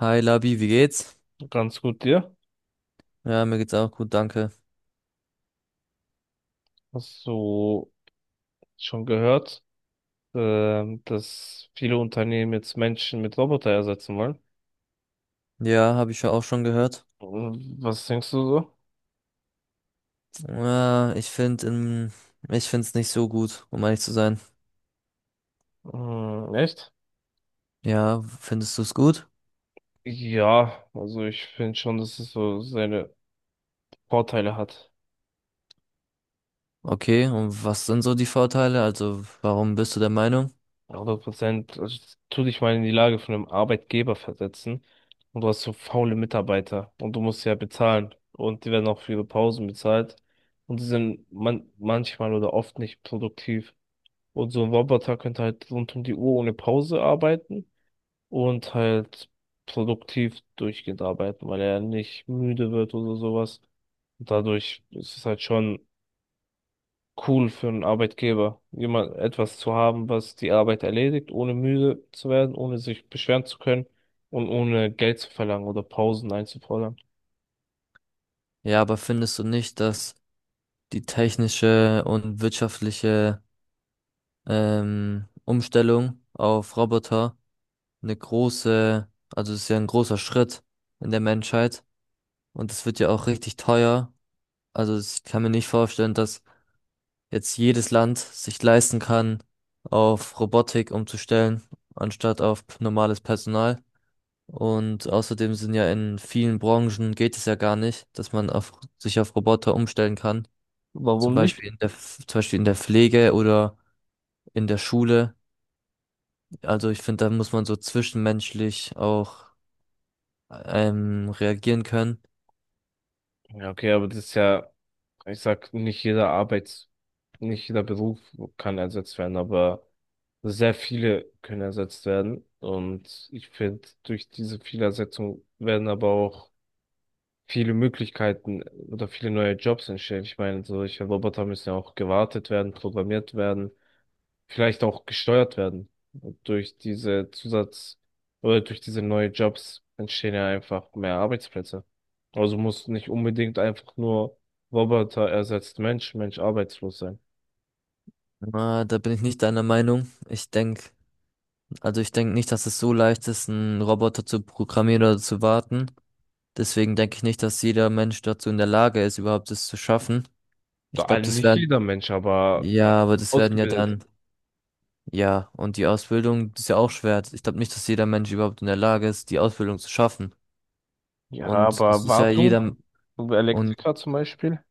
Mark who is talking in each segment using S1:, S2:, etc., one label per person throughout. S1: Hi Labi, wie geht's?
S2: Ganz gut, dir?
S1: Ja, mir geht's auch gut, danke.
S2: Hast du schon gehört, dass viele Unternehmen jetzt Menschen mit Roboter ersetzen wollen?
S1: Ja, habe ich ja auch schon gehört.
S2: Was denkst du so?
S1: Ja, ich finde es nicht so gut, um ehrlich zu sein.
S2: Hm, echt?
S1: Ja, findest du es gut?
S2: Ja, also ich finde schon, dass es so seine Vorteile hat.
S1: Okay, und was sind so die Vorteile? Also, warum bist du der Meinung?
S2: 100%. Also tu dich mal in die Lage von einem Arbeitgeber versetzen, und du hast so faule Mitarbeiter und du musst ja bezahlen und die werden auch für ihre Pausen bezahlt und die sind man manchmal oder oft nicht produktiv. Und so ein Roboter könnte halt rund um die Uhr ohne Pause arbeiten und halt produktiv durchgehend arbeiten, weil er nicht müde wird oder sowas. Und dadurch ist es halt schon cool für einen Arbeitgeber, jemand etwas zu haben, was die Arbeit erledigt, ohne müde zu werden, ohne sich beschweren zu können und ohne Geld zu verlangen oder Pausen einzufordern.
S1: Ja, aber findest du nicht, dass die technische und wirtschaftliche Umstellung auf Roboter eine große, also es ist ja ein großer Schritt in der Menschheit, und es wird ja auch richtig teuer. Also ich kann mir nicht vorstellen, dass jetzt jedes Land sich leisten kann, auf Robotik umzustellen, anstatt auf normales Personal. Und außerdem sind ja in vielen Branchen, geht es ja gar nicht, dass man sich auf Roboter umstellen kann. Zum
S2: Warum nicht?
S1: Beispiel in zum Beispiel in der Pflege oder in der Schule. Also ich finde, da muss man so zwischenmenschlich auch reagieren können.
S2: Ja, okay, aber das ist ja, ich sag, nicht jeder Arbeits, nicht jeder Beruf kann ersetzt werden, aber sehr viele können ersetzt werden. Und ich finde, durch diese Vielersetzung werden aber auch viele Möglichkeiten oder viele neue Jobs entstehen. Ich meine, solche Roboter müssen ja auch gewartet werden, programmiert werden, vielleicht auch gesteuert werden. Und durch diese Zusatz- oder durch diese neuen Jobs entstehen ja einfach mehr Arbeitsplätze. Also muss nicht unbedingt einfach nur Roboter ersetzt Mensch, Mensch arbeitslos sein.
S1: Na, da bin ich nicht deiner Meinung. Also ich denke nicht, dass es so leicht ist, einen Roboter zu programmieren oder zu warten. Deswegen denke ich nicht, dass jeder Mensch dazu in der Lage ist, überhaupt das zu schaffen.
S2: Da,
S1: Ich glaube,
S2: also
S1: das
S2: nicht
S1: werden,
S2: jeder Mensch, aber
S1: ja, aber das werden ja
S2: ausgebildet.
S1: dann, ja, und die Ausbildung, das ist ja auch schwer. Ich glaube nicht, dass jeder Mensch überhaupt in der Lage ist, die Ausbildung zu schaffen.
S2: Ja,
S1: Und es
S2: aber
S1: ist ja
S2: Wartung,
S1: jeder, und
S2: Elektriker zum Beispiel.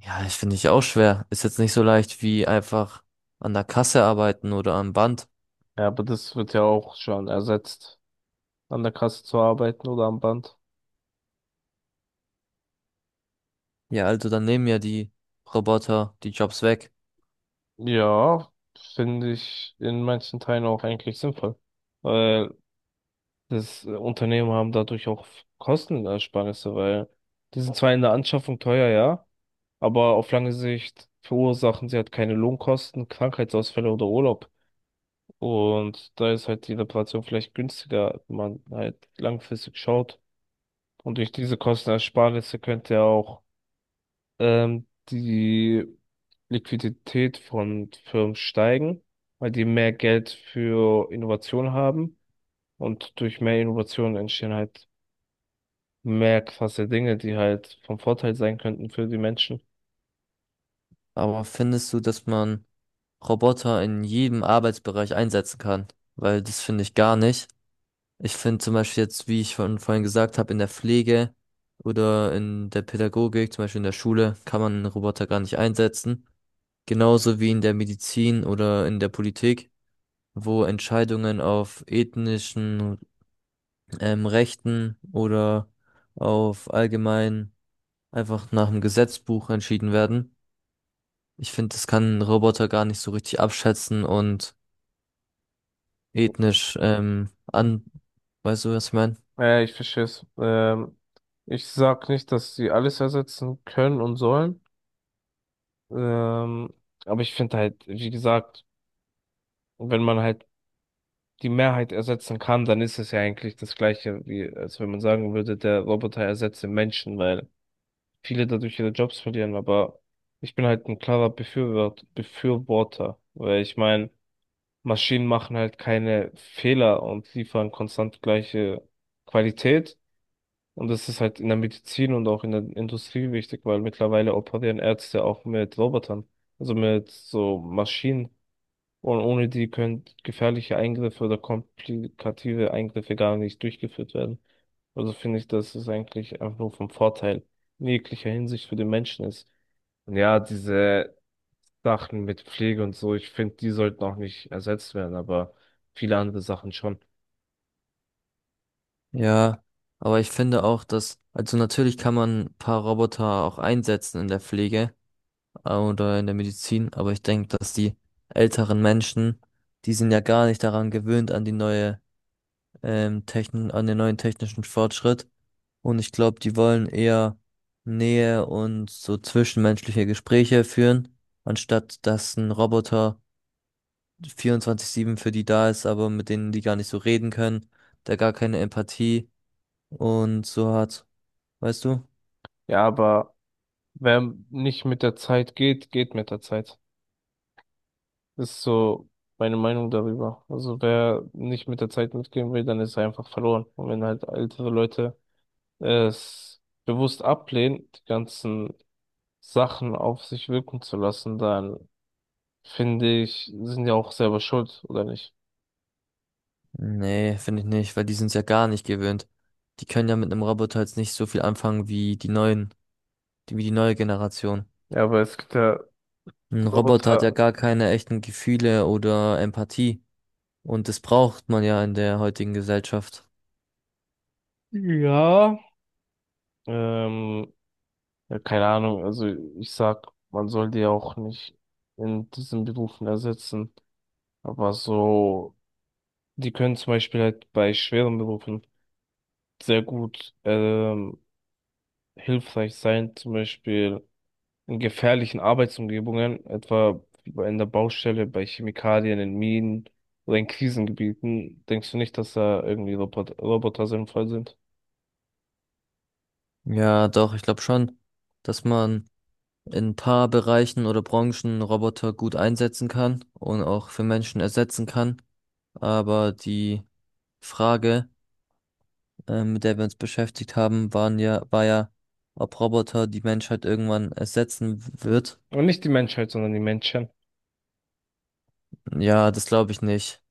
S1: ja, ich finde ich auch schwer. Ist jetzt nicht so leicht wie einfach an der Kasse arbeiten oder am Band.
S2: Ja, aber das wird ja auch schon ersetzt, an der Kasse zu arbeiten oder am Band.
S1: Ja, also dann nehmen ja die Roboter die Jobs weg.
S2: Ja, finde ich in manchen Teilen auch eigentlich sinnvoll. Weil das, Unternehmen haben dadurch auch Kostenersparnisse, weil die sind zwar in der Anschaffung teuer, ja, aber auf lange Sicht verursachen sie halt keine Lohnkosten, Krankheitsausfälle oder Urlaub. Und da ist halt die Reparation vielleicht günstiger, wenn man halt langfristig schaut. Und durch diese Kostenersparnisse könnte ja auch die Liquidität von Firmen steigen, weil die mehr Geld für Innovation haben. Und durch mehr Innovation entstehen halt mehr krasse Dinge, die halt vom Vorteil sein könnten für die Menschen.
S1: Aber findest du, dass man Roboter in jedem Arbeitsbereich einsetzen kann, weil das finde ich gar nicht. Ich finde zum Beispiel jetzt, wie ich von vorhin gesagt habe, in der Pflege oder in der Pädagogik, zum Beispiel in der Schule, kann man einen Roboter gar nicht einsetzen. Genauso wie in der Medizin oder in der Politik, wo Entscheidungen auf ethnischen Rechten oder auf allgemein einfach nach dem Gesetzbuch entschieden werden. Ich finde, das kann ein Roboter gar nicht so richtig abschätzen und ethnisch an. Weißt du, was ich meine?
S2: Ich verstehe es. Ich sag nicht, dass sie alles ersetzen können und sollen. Ähm, aber ich finde halt, wie gesagt, wenn man halt die Mehrheit ersetzen kann, dann ist es ja eigentlich das Gleiche, wie als wenn man sagen würde, der Roboter ersetze Menschen, weil viele dadurch ihre Jobs verlieren. Aber ich bin halt ein klarer Befürworter, weil ich meine, Maschinen machen halt keine Fehler und liefern konstant gleiche Qualität. Und das ist halt in der Medizin und auch in der Industrie wichtig, weil mittlerweile operieren Ärzte auch mit Robotern, also mit so Maschinen. Und ohne die können gefährliche Eingriffe oder komplikative Eingriffe gar nicht durchgeführt werden. Also finde ich, dass es eigentlich einfach nur vom Vorteil in jeglicher Hinsicht für den Menschen ist. Und ja, diese Sachen mit Pflege und so, ich finde, die sollten auch nicht ersetzt werden, aber viele andere Sachen schon.
S1: Ja, aber ich finde auch, dass, also natürlich kann man ein paar Roboter auch einsetzen in der Pflege oder in der Medizin, aber ich denke, dass die älteren Menschen, die sind ja gar nicht daran gewöhnt an die neue an den neuen technischen Fortschritt. Und ich glaube, die wollen eher Nähe und so zwischenmenschliche Gespräche führen, anstatt dass ein Roboter 24-7 für die da ist, aber mit denen die gar nicht so reden können, der gar keine Empathie und so hat. Weißt du?
S2: Ja, aber wer nicht mit der Zeit geht, geht mit der Zeit. Ist so meine Meinung darüber. Also wer nicht mit der Zeit mitgehen will, dann ist er einfach verloren. Und wenn halt ältere Leute es bewusst ablehnen, die ganzen Sachen auf sich wirken zu lassen, dann finde ich, sind ja auch selber schuld, oder nicht?
S1: Nee, finde ich nicht, weil die sind es ja gar nicht gewöhnt. Die können ja mit einem Roboter jetzt nicht so viel anfangen wie die neuen, die, wie die neue Generation.
S2: Ja, aber es gibt ja
S1: Ein Roboter hat ja
S2: Roboter.
S1: gar keine echten Gefühle oder Empathie. Und das braucht man ja in der heutigen Gesellschaft.
S2: Ja. Ähm, Ja, keine Ahnung. Also ich sag, man soll die auch nicht in diesen Berufen ersetzen. Aber so, die können zum Beispiel halt bei schweren Berufen sehr gut hilfreich sein. Zum Beispiel in gefährlichen Arbeitsumgebungen, etwa wie bei- in der Baustelle, bei Chemikalien, in Minen oder in Krisengebieten. Denkst du nicht, dass da irgendwie Roboter sinnvoll sind?
S1: Ja, doch, ich glaube schon, dass man in ein paar Bereichen oder Branchen Roboter gut einsetzen kann und auch für Menschen ersetzen kann. Aber die Frage, mit der wir uns beschäftigt haben, waren ja, war ja, ob Roboter die Menschheit irgendwann ersetzen wird.
S2: Und nicht die Menschheit, sondern die Menschen.
S1: Ja, das glaube ich nicht.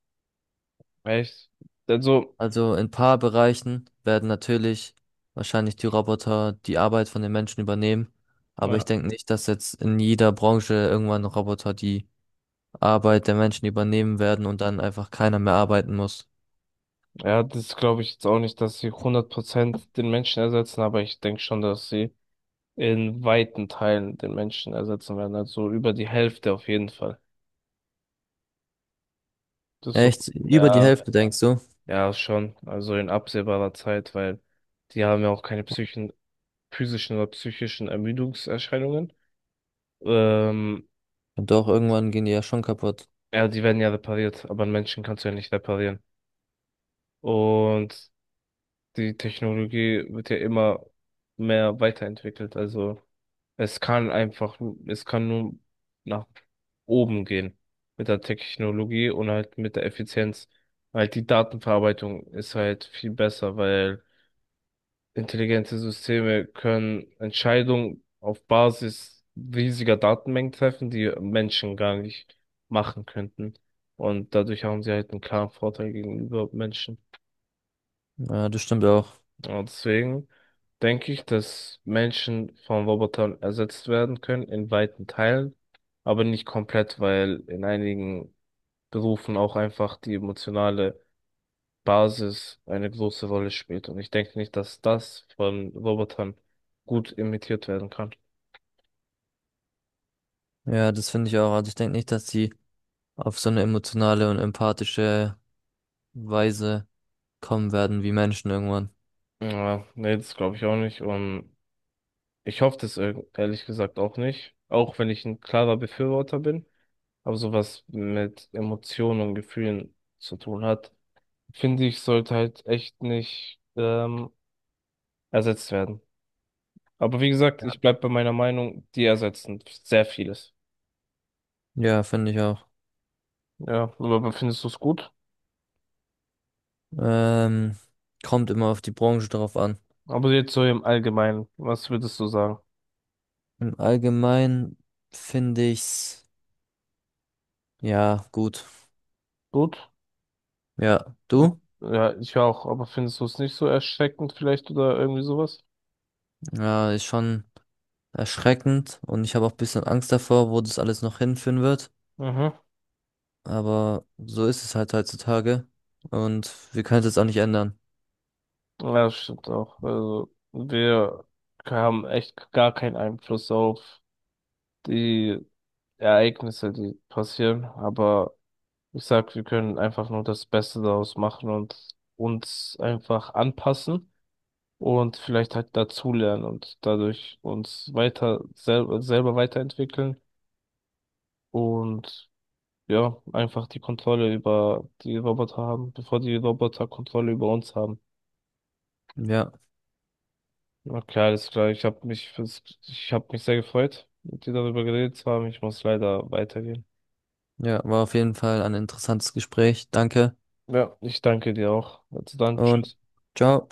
S2: Echt? Also,
S1: Also in ein paar Bereichen werden natürlich wahrscheinlich die Roboter die Arbeit von den Menschen übernehmen. Aber ich
S2: ja.
S1: denke nicht, dass jetzt in jeder Branche irgendwann Roboter die Arbeit der Menschen übernehmen werden und dann einfach keiner mehr arbeiten muss.
S2: Ja, das glaube ich jetzt auch nicht, dass sie 100% den Menschen ersetzen, aber ich denke schon, dass sie in weiten Teilen den Menschen ersetzen werden. Also über die Hälfte auf jeden Fall. Das
S1: Ja,
S2: so,
S1: echt, über die
S2: ja,
S1: Hälfte denkst du?
S2: ja, schon. Also in absehbarer Zeit, weil die haben ja auch keine psychischen, physischen oder psychischen Ermüdungserscheinungen. Ähm,
S1: Ja, doch, irgendwann gehen die ja schon kaputt.
S2: ja, die werden ja repariert, aber einen Menschen kannst du ja nicht reparieren. Und die Technologie wird ja immer mehr weiterentwickelt. Also, es kann einfach, es kann nur nach oben gehen mit der Technologie und halt mit der Effizienz. Halt die Datenverarbeitung ist halt viel besser, weil intelligente Systeme können Entscheidungen auf Basis riesiger Datenmengen treffen, die Menschen gar nicht machen könnten. Und dadurch haben sie halt einen klaren Vorteil gegenüber Menschen.
S1: Ja, das stimmt auch.
S2: Und deswegen denke ich, dass Menschen von Robotern ersetzt werden können in weiten Teilen, aber nicht komplett, weil in einigen Berufen auch einfach die emotionale Basis eine große Rolle spielt. Und ich denke nicht, dass das von Robotern gut imitiert werden kann.
S1: Ja, das finde ich auch. Also ich denke nicht, dass die auf so eine emotionale und empathische Weise kommen werden wie Menschen irgendwann.
S2: Ja, nee, das glaube ich auch nicht. Und ich hoffe das ehrlich gesagt auch nicht, auch wenn ich ein klarer Befürworter bin, aber sowas mit Emotionen und Gefühlen zu tun hat, finde ich, sollte halt echt nicht ersetzt werden. Aber wie gesagt, ich bleib bei meiner Meinung, die ersetzen sehr vieles.
S1: Ja, finde ich auch.
S2: Ja, aber findest du es gut?
S1: Ähm, kommt immer auf die Branche drauf an.
S2: Aber jetzt so im Allgemeinen, was würdest du sagen?
S1: Im Allgemeinen finde ich's, ja, gut.
S2: Gut?
S1: Ja,
S2: Ja.
S1: du?
S2: Ja, ich auch, aber findest du es nicht so erschreckend vielleicht oder irgendwie sowas?
S1: Ja, ist schon erschreckend, und ich habe auch ein bisschen Angst davor, wo das alles noch hinführen wird.
S2: Mhm.
S1: Aber so ist es halt heutzutage. Und wir können es jetzt auch nicht ändern.
S2: Ja, das stimmt auch. Also, wir haben echt gar keinen Einfluss auf die Ereignisse, die passieren, aber ich sag, wir können einfach nur das Beste daraus machen und uns einfach anpassen und vielleicht halt dazulernen und dadurch uns weiter selber weiterentwickeln und ja, einfach die Kontrolle über die Roboter haben, bevor die Roboter Kontrolle über uns haben.
S1: Ja,
S2: Okay, alles klar. Ich habe mich fürs, ich habe mich sehr gefreut, mit dir darüber geredet zu haben. Ich muss leider weitergehen.
S1: ja, war auf jeden Fall ein interessantes Gespräch. Danke
S2: Ja, ich danke dir auch. Also dann,
S1: und
S2: tschüss.
S1: ciao.